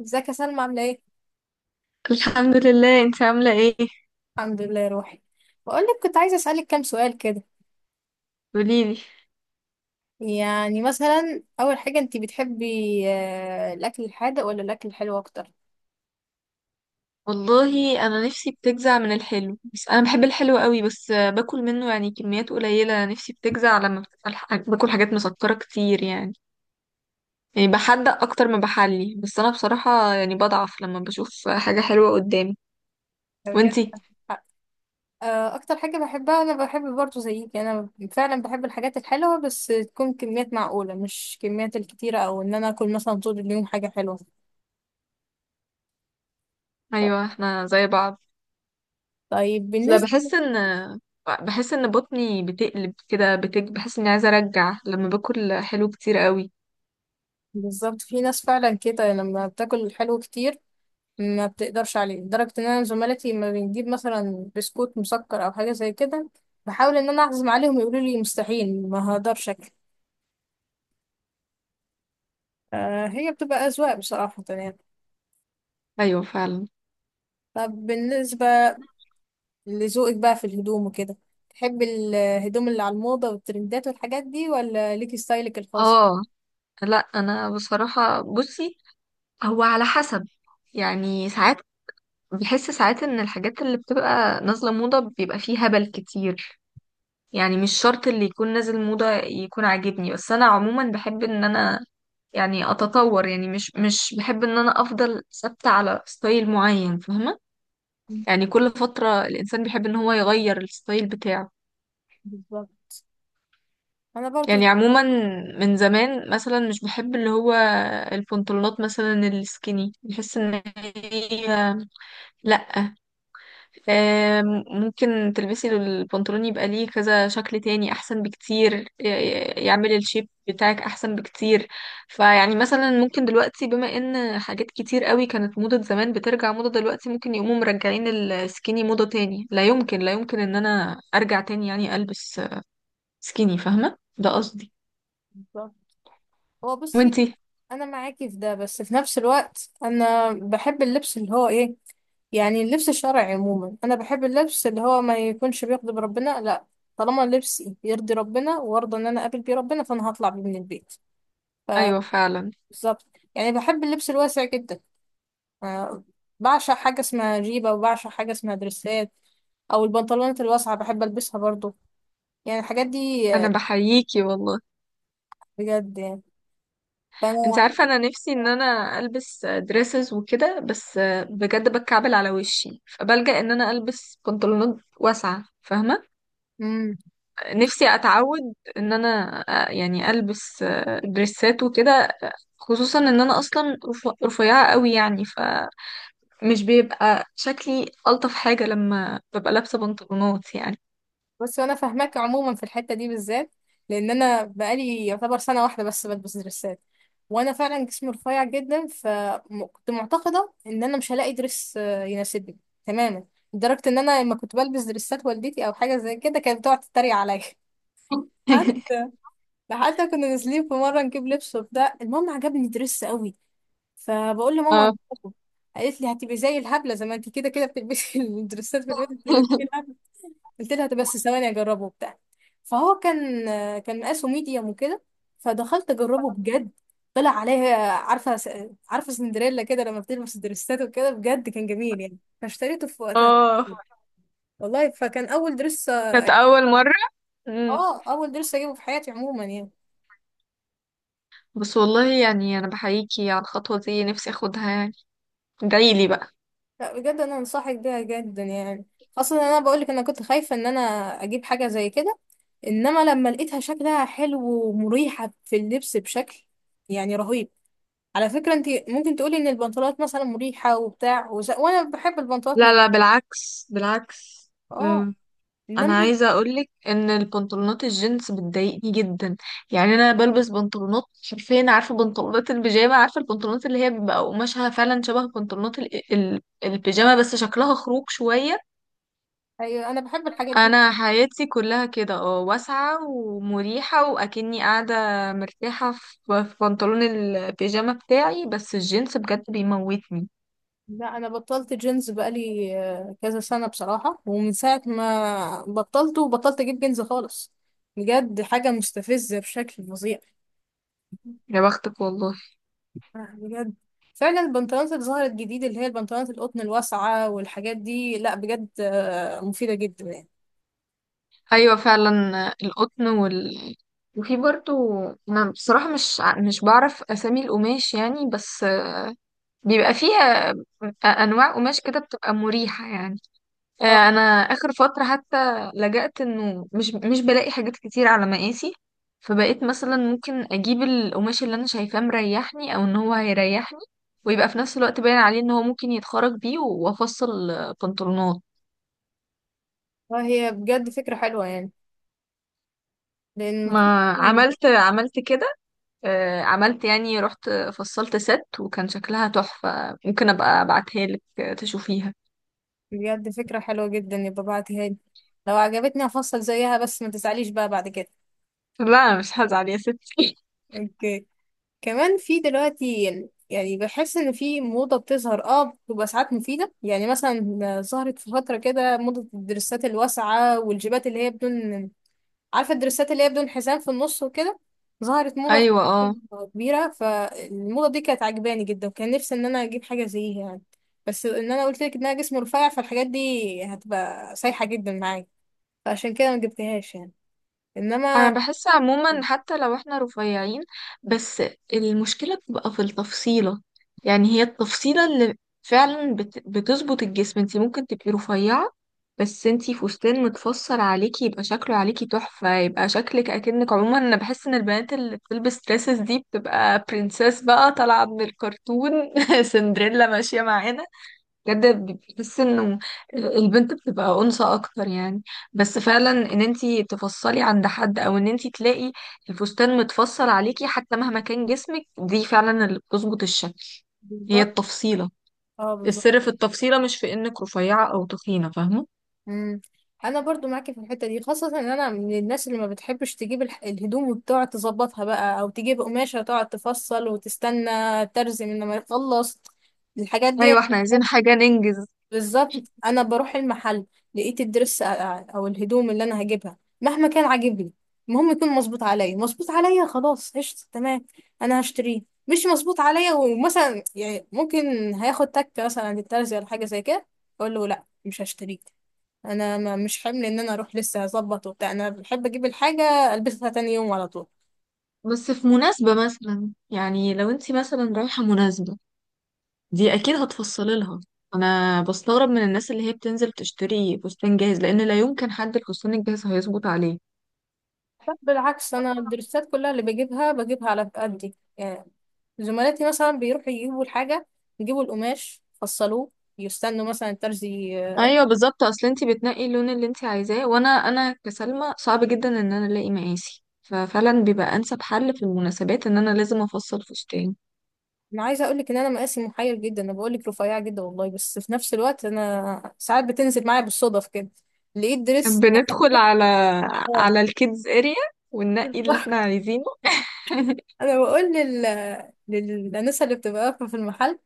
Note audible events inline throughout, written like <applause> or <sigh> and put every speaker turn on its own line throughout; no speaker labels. ازيك يا سلمى عاملة ايه؟
الحمد لله، انت عاملة ايه؟
الحمد لله يا روحي. بقول لك كنت عايزة اسألك كام سؤال كده.
قوليلي.
يعني مثلا أول حاجة انتي بتحبي، الأكل الحادق ولا الأكل الحلو أكتر؟
والله انا نفسي بتجزع من الحلو، بس انا بحب الحلو قوي، بس باكل منه يعني كميات قليلة. نفسي بتجزع لما بتبقى باكل حاجات مسكرة كتير يعني. يعني بحدق اكتر ما بحلي، بس انا بصراحة يعني بضعف لما بشوف حاجة حلوة قدامي.
بجد؟
وانتي؟
أكتر حاجة بحبها أنا بحب برضه زيك، أنا فعلا بحب الحاجات الحلوة بس تكون كميات معقولة، مش كميات الكتيرة أو إن أنا أكل مثلا طول اليوم حاجة حلوة.
ايوه احنا زي بعض.
طيب
لا،
بالنسبة.
بحس ان بحس ان بطني بتقلب كده بحس اني عايزة ارجع لما باكل حلو كتير قوي.
بالظبط، في ناس فعلا كده لما بتاكل الحلو كتير ما بتقدرش عليه، لدرجة ان انا زملاتي لما بنجيب مثلا بسكوت مسكر او حاجة زي كده بحاول ان انا اعزم عليهم يقولوا لي مستحيل ما هقدرش اكل. آه، هي بتبقى اذواق بصراحة يعني.
ايوه فعلا.
طب بالنسبة لذوقك بقى في الهدوم وكده، تحب الهدوم اللي على الموضة والترندات والحاجات دي ولا ليكي ستايلك الخاص؟
اه. لا انا بصراحة بصي، هو على حسب. يعني ساعات بحس ساعات ان الحاجات اللي بتبقى نازلة موضة بيبقى فيه هبل كتير. يعني مش شرط اللي يكون نازل موضة يكون عاجبني، بس انا عموما بحب ان انا يعني اتطور، يعني مش بحب ان انا افضل ثابتة على ستايل معين، فاهمة؟
مم.
يعني كل فترة الانسان بيحب ان هو يغير الستايل بتاعه.
بالظبط. انا
يعني
برضو.
عموما من زمان مثلا مش بحب اللي هو البنطلونات مثلا السكيني، بحس ان هي، لا، ممكن تلبسي البنطلون يبقى ليه كذا شكل تاني احسن بكتير. يعمل الشيب بتاعك احسن بكتير. فيعني مثلا ممكن دلوقتي بما ان حاجات كتير قوي كانت موضة زمان بترجع موضة دلوقتي، ممكن يقوموا مرجعين السكيني موضة تاني. لا يمكن، لا يمكن ان انا ارجع تاني يعني البس سكيني، فاهمة ده قصدي؟
بالظبط. هو بصي،
وانتي؟
انا معاكي في ده، بس في نفس الوقت انا بحب اللبس اللي هو ايه، يعني اللبس الشرعي عموما. انا بحب اللبس اللي هو ما يكونش بيغضب ربنا، لا، طالما لبسي يرضي ربنا وارضى ان انا اقابل بيه ربنا فانا هطلع بيه من البيت.
ايوه فعلا،
بالظبط. يعني بحب اللبس الواسع جدا. آه، بعشق حاجه اسمها جيبه، وبعشق حاجه اسمها دريسات، او البنطلونات الواسعه بحب البسها برضو. يعني الحاجات دي
انا بحييكي والله.
بجد يعني.
انت
فانا.
عارفه انا نفسي ان انا البس دريسز وكده، بس بجد بتكعبل على وشي، فبلجأ ان انا البس بنطلونات واسعه، فاهمه.
مم.
نفسي اتعود ان انا يعني البس دريسات وكده. خصوصا ان انا اصلا رفيعه قوي يعني، فمش بيبقى شكلي الطف حاجه لما ببقى لابسه بنطلونات يعني.
بس انا فاهماك عموما في الحته دي بالذات، لان انا بقالي يعتبر سنه واحده بس بلبس دريسات، وانا فعلا جسمي رفيع جدا فكنت معتقده ان انا مش هلاقي دريس يناسبني تماما. لدرجه ان انا لما كنت بلبس دريسات والدتي او حاجه زي كده كانت بتقعد تتريق عليا <laughs> حتى
<laughs>
حتى كنا نازلين في مره نجيب لبس وبتاع، المهم عجبني دريس قوي، فبقول لماما
اه.
هجيبه. قالت لي هتبقي زي الهبله، زي ما انت كده كده بتلبسي <laughs> الدريسات في البيت بتبقي زي
<laughs>
الهبله. قلت لها طب بس ثواني اجربه وبتاع. فهو كان كان مقاسه ميديوم وكده، فدخلت اجربه بجد، طلع عليها عارفه عارفه سندريلا كده لما بتلبس دريسات وكده، بجد كان جميل يعني فاشتريته في وقتها.
اه،
والله فكان اول درس،
كانت اول مره.
اه اول درس اجيبه في حياتي عموما يعني.
بس والله يعني انا بحييكي على الخطوه دي، نفسي اخدها يعني. ادعيلي بقى.
لا بجد انا انصحك بيها جدا يعني. اصلا انا بقولك انا كنت خايفه ان انا اجيب حاجه زي كده، انما لما لقيتها شكلها حلو ومريحه في اللبس بشكل يعني رهيب. على فكرة انت ممكن تقولي ان البنطلونات مثلا مريحة وبتاع وانا بحب البنطلونات
لا
مك...
لا، بالعكس بالعكس.
اه.
أم، انا
انما.
عايزه اقولك ان البنطلونات الجينز بتضايقني جدا. يعني انا بلبس بنطلونات حرفيا عارفه بنطلونات البيجامه، عارفه البنطلونات اللي هي بيبقى قماشها فعلا شبه بنطلونات البيجامه بس شكلها خروج شويه.
ايوه انا بحب الحاجات دي.
انا حياتي كلها كده، اه، واسعه ومريحه، واكني قاعده مرتاحه في في بنطلون البيجامه بتاعي. بس الجينز بجد بيموتني.
لا انا بطلت جينز بقالي كذا سنة بصراحة، ومن ساعة ما بطلته بطلت اجيب جينز خالص. بجد حاجة مستفزة بشكل فظيع.
يا بختك والله.
بجد فعلا. البنطلونات اللي ظهرت جديد اللي هي البنطلونات القطن الواسعة والحاجات دي لا بجد مفيدة جدا يعني.
ايوه فعلا، القطن وال، وفي برضو، انا بصراحه مش بعرف اسامي القماش يعني، بس بيبقى فيها انواع قماش كده بتبقى مريحه يعني.
اه.
انا اخر فتره حتى لجأت انه مش بلاقي حاجات كتير على مقاسي، فبقيت مثلا ممكن اجيب القماش اللي انا شايفاه مريحني او ان هو هيريحني، ويبقى في نفس الوقت باين عليه ان هو ممكن يتخرج بيه وافصل بنطلونات.
هي بجد فكرة حلوة يعني. لان.
ما عملت عملت كده. عملت يعني، رحت فصلت ست وكان شكلها تحفه، ممكن ابقى ابعتها لك تشوفيها.
بجد فكرة حلوة جدا، يبقى بعتيها لي، لو عجبتني هفصل زيها، بس ما تزعليش بقى بعد كده.
لا مش هزعل يا ستي. <laughs>
اوكي. كمان في دلوقتي، يعني بحس ان في موضة بتظهر اه بتبقى ساعات مفيدة، يعني مثلا ظهرت في فترة كده موضة الدرسات الواسعة والجيبات اللي هي بدون، عارفة الدرسات اللي هي بدون حزام في النص وكده، ظهرت موضة في
ايوه اه.
فترة كبيرة. فالموضة دي كانت عجباني جدا وكان نفسي ان انا اجيب حاجة زيها يعني، بس ان انا قلت لك انها جسم رفيع فالحاجات دي هتبقى سايحة جدا معايا، فعشان كده ما جبتهاش يعني.
انا
انما.
بحس عموما حتى لو احنا رفيعين، بس المشكلة بتبقى في التفصيلة. يعني هي التفصيلة اللي فعلا بتظبط الجسم. انتي ممكن تبقي رفيعة، بس انتي فستان متفصل عليكي يبقى شكله عليكي تحفة، يبقى شكلك اكنك، عموما انا بحس ان البنات اللي بتلبس دresses دي بتبقى برنسيس بقى طالعة من الكرتون. <laughs> سندريلا ماشية معانا. بجد بحس انه البنت بتبقى انثى اكتر يعني. بس فعلا ان انتي تفصلي عند حد او ان انتي تلاقي الفستان متفصل عليكي، حتى مهما كان جسمك، دي فعلا اللي بتظبط الشكل. هي
بالظبط.
التفصيلة.
اه بالظبط.
السر في التفصيلة، مش في انك رفيعة او تخينة، فاهمة؟
امم. انا برضو معاكي في الحته دي، خاصه ان انا من الناس اللي ما بتحبش تجيب الهدوم وتقعد تظبطها بقى، او تجيب قماشه تقعد تفصل وتستنى ترزي من لما يخلص الحاجات
ايوه
دي.
احنا عايزين حاجة ننجز.
بالظبط. انا بروح المحل، لقيت الدرس او الهدوم اللي انا هجيبها مهما كان عاجبني، المهم يكون مظبوط عليا، مظبوط عليا خلاص قشطة تمام انا هشتريه. مش مظبوط عليا ومثلا يعني ممكن هياخد تكة مثلا عند الترزي ولا حاجة زي كده، اقول له لا مش هشتريه. انا ما مش حمل ان انا اروح لسه هظبط وبتاع، انا بحب اجيب الحاجة البسها تاني يوم على طول.
بس في مناسبة مثلا، يعني لو انتي مثلا رايحة مناسبة، دي اكيد هتفصلي لها. انا بستغرب من الناس اللي هي بتنزل تشتري فستان جاهز، لان لا يمكن حد الفستان الجاهز هيظبط عليه.
لا بالعكس، انا الدرسات كلها اللي بجيبها بجيبها على قدي يعني. زملاتي مثلا بيروحوا يجيبوا الحاجة، يجيبوا القماش فصلوه، يستنوا مثلا
ايوه بالظبط، اصل انتي بتنقي اللون اللي انتي عايزاه، وانا كسلمى صعب جدا ان انا الاقي مقاسي، ففعلا بيبقى انسب حل في المناسبات ان انا لازم افصل فستان.
انا عايزه اقول لك ان انا مقاسي محير جدا، انا بقول لك رفيعه جدا والله بس في نفس الوقت انا ساعات بتنزل معايا بالصدف كده لقيت دريس.
بندخل على
اه.
على الكيدز اريا وننقي اللي احنا
<laughs>
عايزينه.
انا بقول لل للانسه اللي بتبقى واقفه في المحل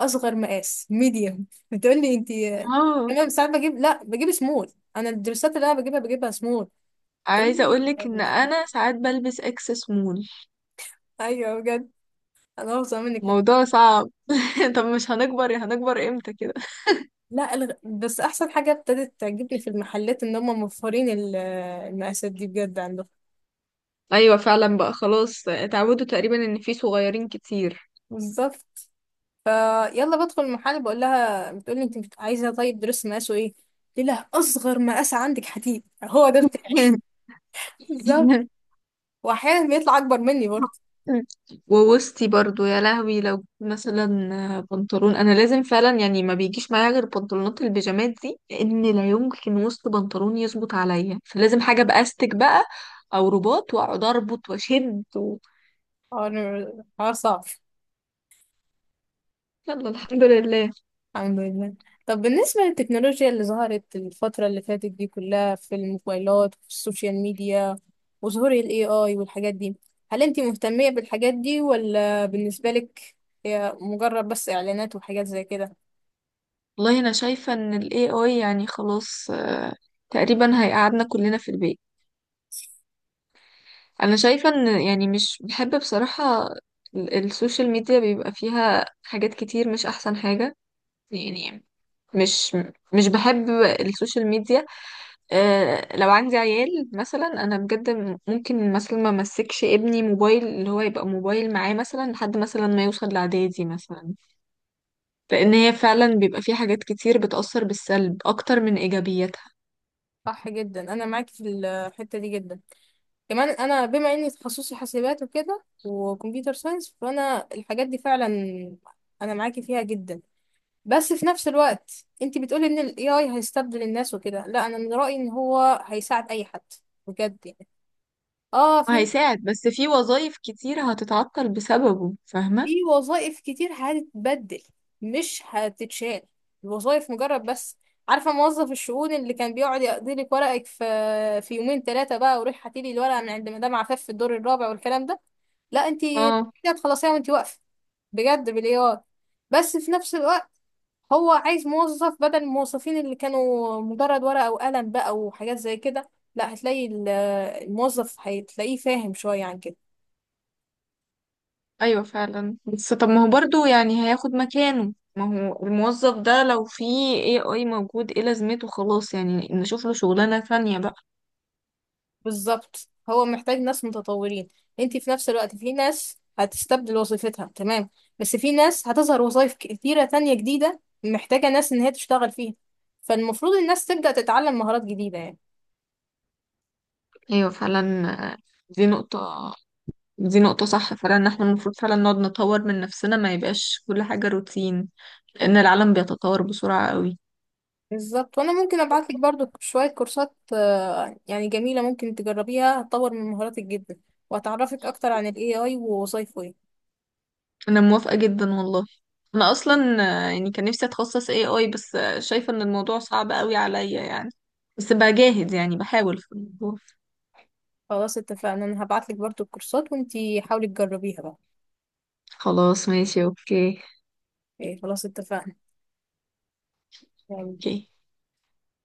اصغر مقاس ميديوم، بتقول لي انت.
اه
تمام ساعات بجيب لا بجيب سمول، انا الدرسات اللي انا بجيبها بجيبها سمول. تقول
عايزه
لي
اقولك ان
<laughs>
انا ساعات بلبس اكس سمول.
ايوه بجد انا بفظع منك.
موضوع صعب. <laughs> طب مش هنكبر، هنكبر امتى كده؟
لا الغ... بس احسن حاجه ابتدت تعجبني في المحلات ان هم موفرين المقاسات دي بجد عندهم.
ايوه فعلا بقى، خلاص اتعودوا تقريبا ان في صغيرين كتير.
بالظبط. يلا بدخل المحل بقول لها بتقول لي انت عايزه طيب درس مقاسه ايه، قلت لها اصغر مقاس عندك حديد هو ده بتاعي
<laughs>
<laughs> بالظبط، واحيانا بيطلع اكبر مني برضه.
مم. ووسطي برضو، يا لهوي، لو مثلا بنطلون، انا لازم فعلا يعني ما بيجيش معايا غير بنطلونات البيجامات دي، لان لا يمكن وسط بنطلون يظبط عليا، فلازم حاجه باستك بقى او رباط، واقعد اربط واشد و...
حوار صعب.
يلا الحمد لله.
الحمد لله. طب بالنسبة للتكنولوجيا اللي ظهرت الفترة اللي فاتت دي كلها في الموبايلات وفي السوشيال ميديا وظهور ال AI والحاجات دي، هل انتي مهتمية بالحاجات دي ولا بالنسبة لك هي مجرد بس إعلانات وحاجات زي كده؟
والله انا شايفه ان الاي اي يعني خلاص، تقريبا هيقعدنا كلنا في البيت. انا شايفه ان يعني مش بحب بصراحه السوشيال ميديا، بيبقى فيها حاجات كتير مش احسن حاجه يعني. مش مش بحب السوشيال ميديا. آه لو عندي عيال مثلا انا بجد ممكن مثلا ما امسكش ابني موبايل، اللي هو يبقى موبايل معاه مثلا لحد مثلا ما يوصل لاعدادي مثلا، لان هي فعلا بيبقى في حاجات كتير بتأثر بالسلب اكتر من ايجابياتها.
صح جدا، أنا معاكي في الحتة دي جدا. كمان أنا بما إني تخصصي حاسبات وكده وكمبيوتر ساينس فأنا الحاجات دي فعلا أنا معاكي فيها جدا. بس في نفس الوقت انت بتقولي ان ال AI هيستبدل الناس وكده، لا انا من رأيي ان هو هيساعد اي حد بجد يعني. اه في
هيساعد، بس في وظائف كتير هتتعطل بسببه،
في
فاهمة؟
وظائف كتير هتتبدل مش هتتشال. الوظائف مجرد بس، عارفة موظف الشؤون اللي كان بيقعد يقضي لك ورقك في في يومين ثلاثة بقى وروح هاتي لي الورقة من عند مدام عفاف في الدور الرابع والكلام ده، لا انت
اه.
هتخلصيها وانت واقفة بجد بالاي اي. بس في نفس الوقت هو عايز موظف بدل الموظفين اللي كانوا مجرد ورقة وقلم بقى وحاجات زي كده، لا هتلاقي الموظف هتلاقيه فاهم شوية عن كده.
ايوه فعلا، بس طب ما هو برضو يعني هياخد مكانه. ما هو الموظف ده لو في اي اي موجود ايه لازمته، خلاص يعني نشوف له شغلانة ثانية بقى.
بالظبط، هو محتاج ناس متطورين. انت في نفس الوقت في ناس هتستبدل وظيفتها تمام، بس في ناس هتظهر وظائف كتيرة تانية جديدة محتاجة ناس ان هي تشتغل فيها، فالمفروض الناس تبدأ تتعلم مهارات جديدة يعني.
ايوه فعلا. آه، دي نقطة، دي نقطة صح فعلا، ان احنا المفروض فعلا نقعد نطور من نفسنا، ما يبقاش كل حاجة روتين، لان العالم بيتطور بسرعة قوي.
بالظبط، وانا ممكن ابعت لك برضو شويه كورسات يعني جميله ممكن تجربيها هتطور من مهاراتك جدا وهتعرفك اكتر عن الاي اي ووظايفه ايه.
انا موافقة جدا والله. انا اصلا يعني كان نفسي اتخصص اي اي، بس شايفة ان الموضوع صعب قوي عليا يعني، بس بجاهد يعني، بحاول في الموضوع.
خلاص اتفقنا، انا هبعت لك برضو الكورسات وانتي حاولي تجربيها بقى.
خلاص ماشي اوكي.
إيه خلاص اتفقنا. يلا.
اوكي.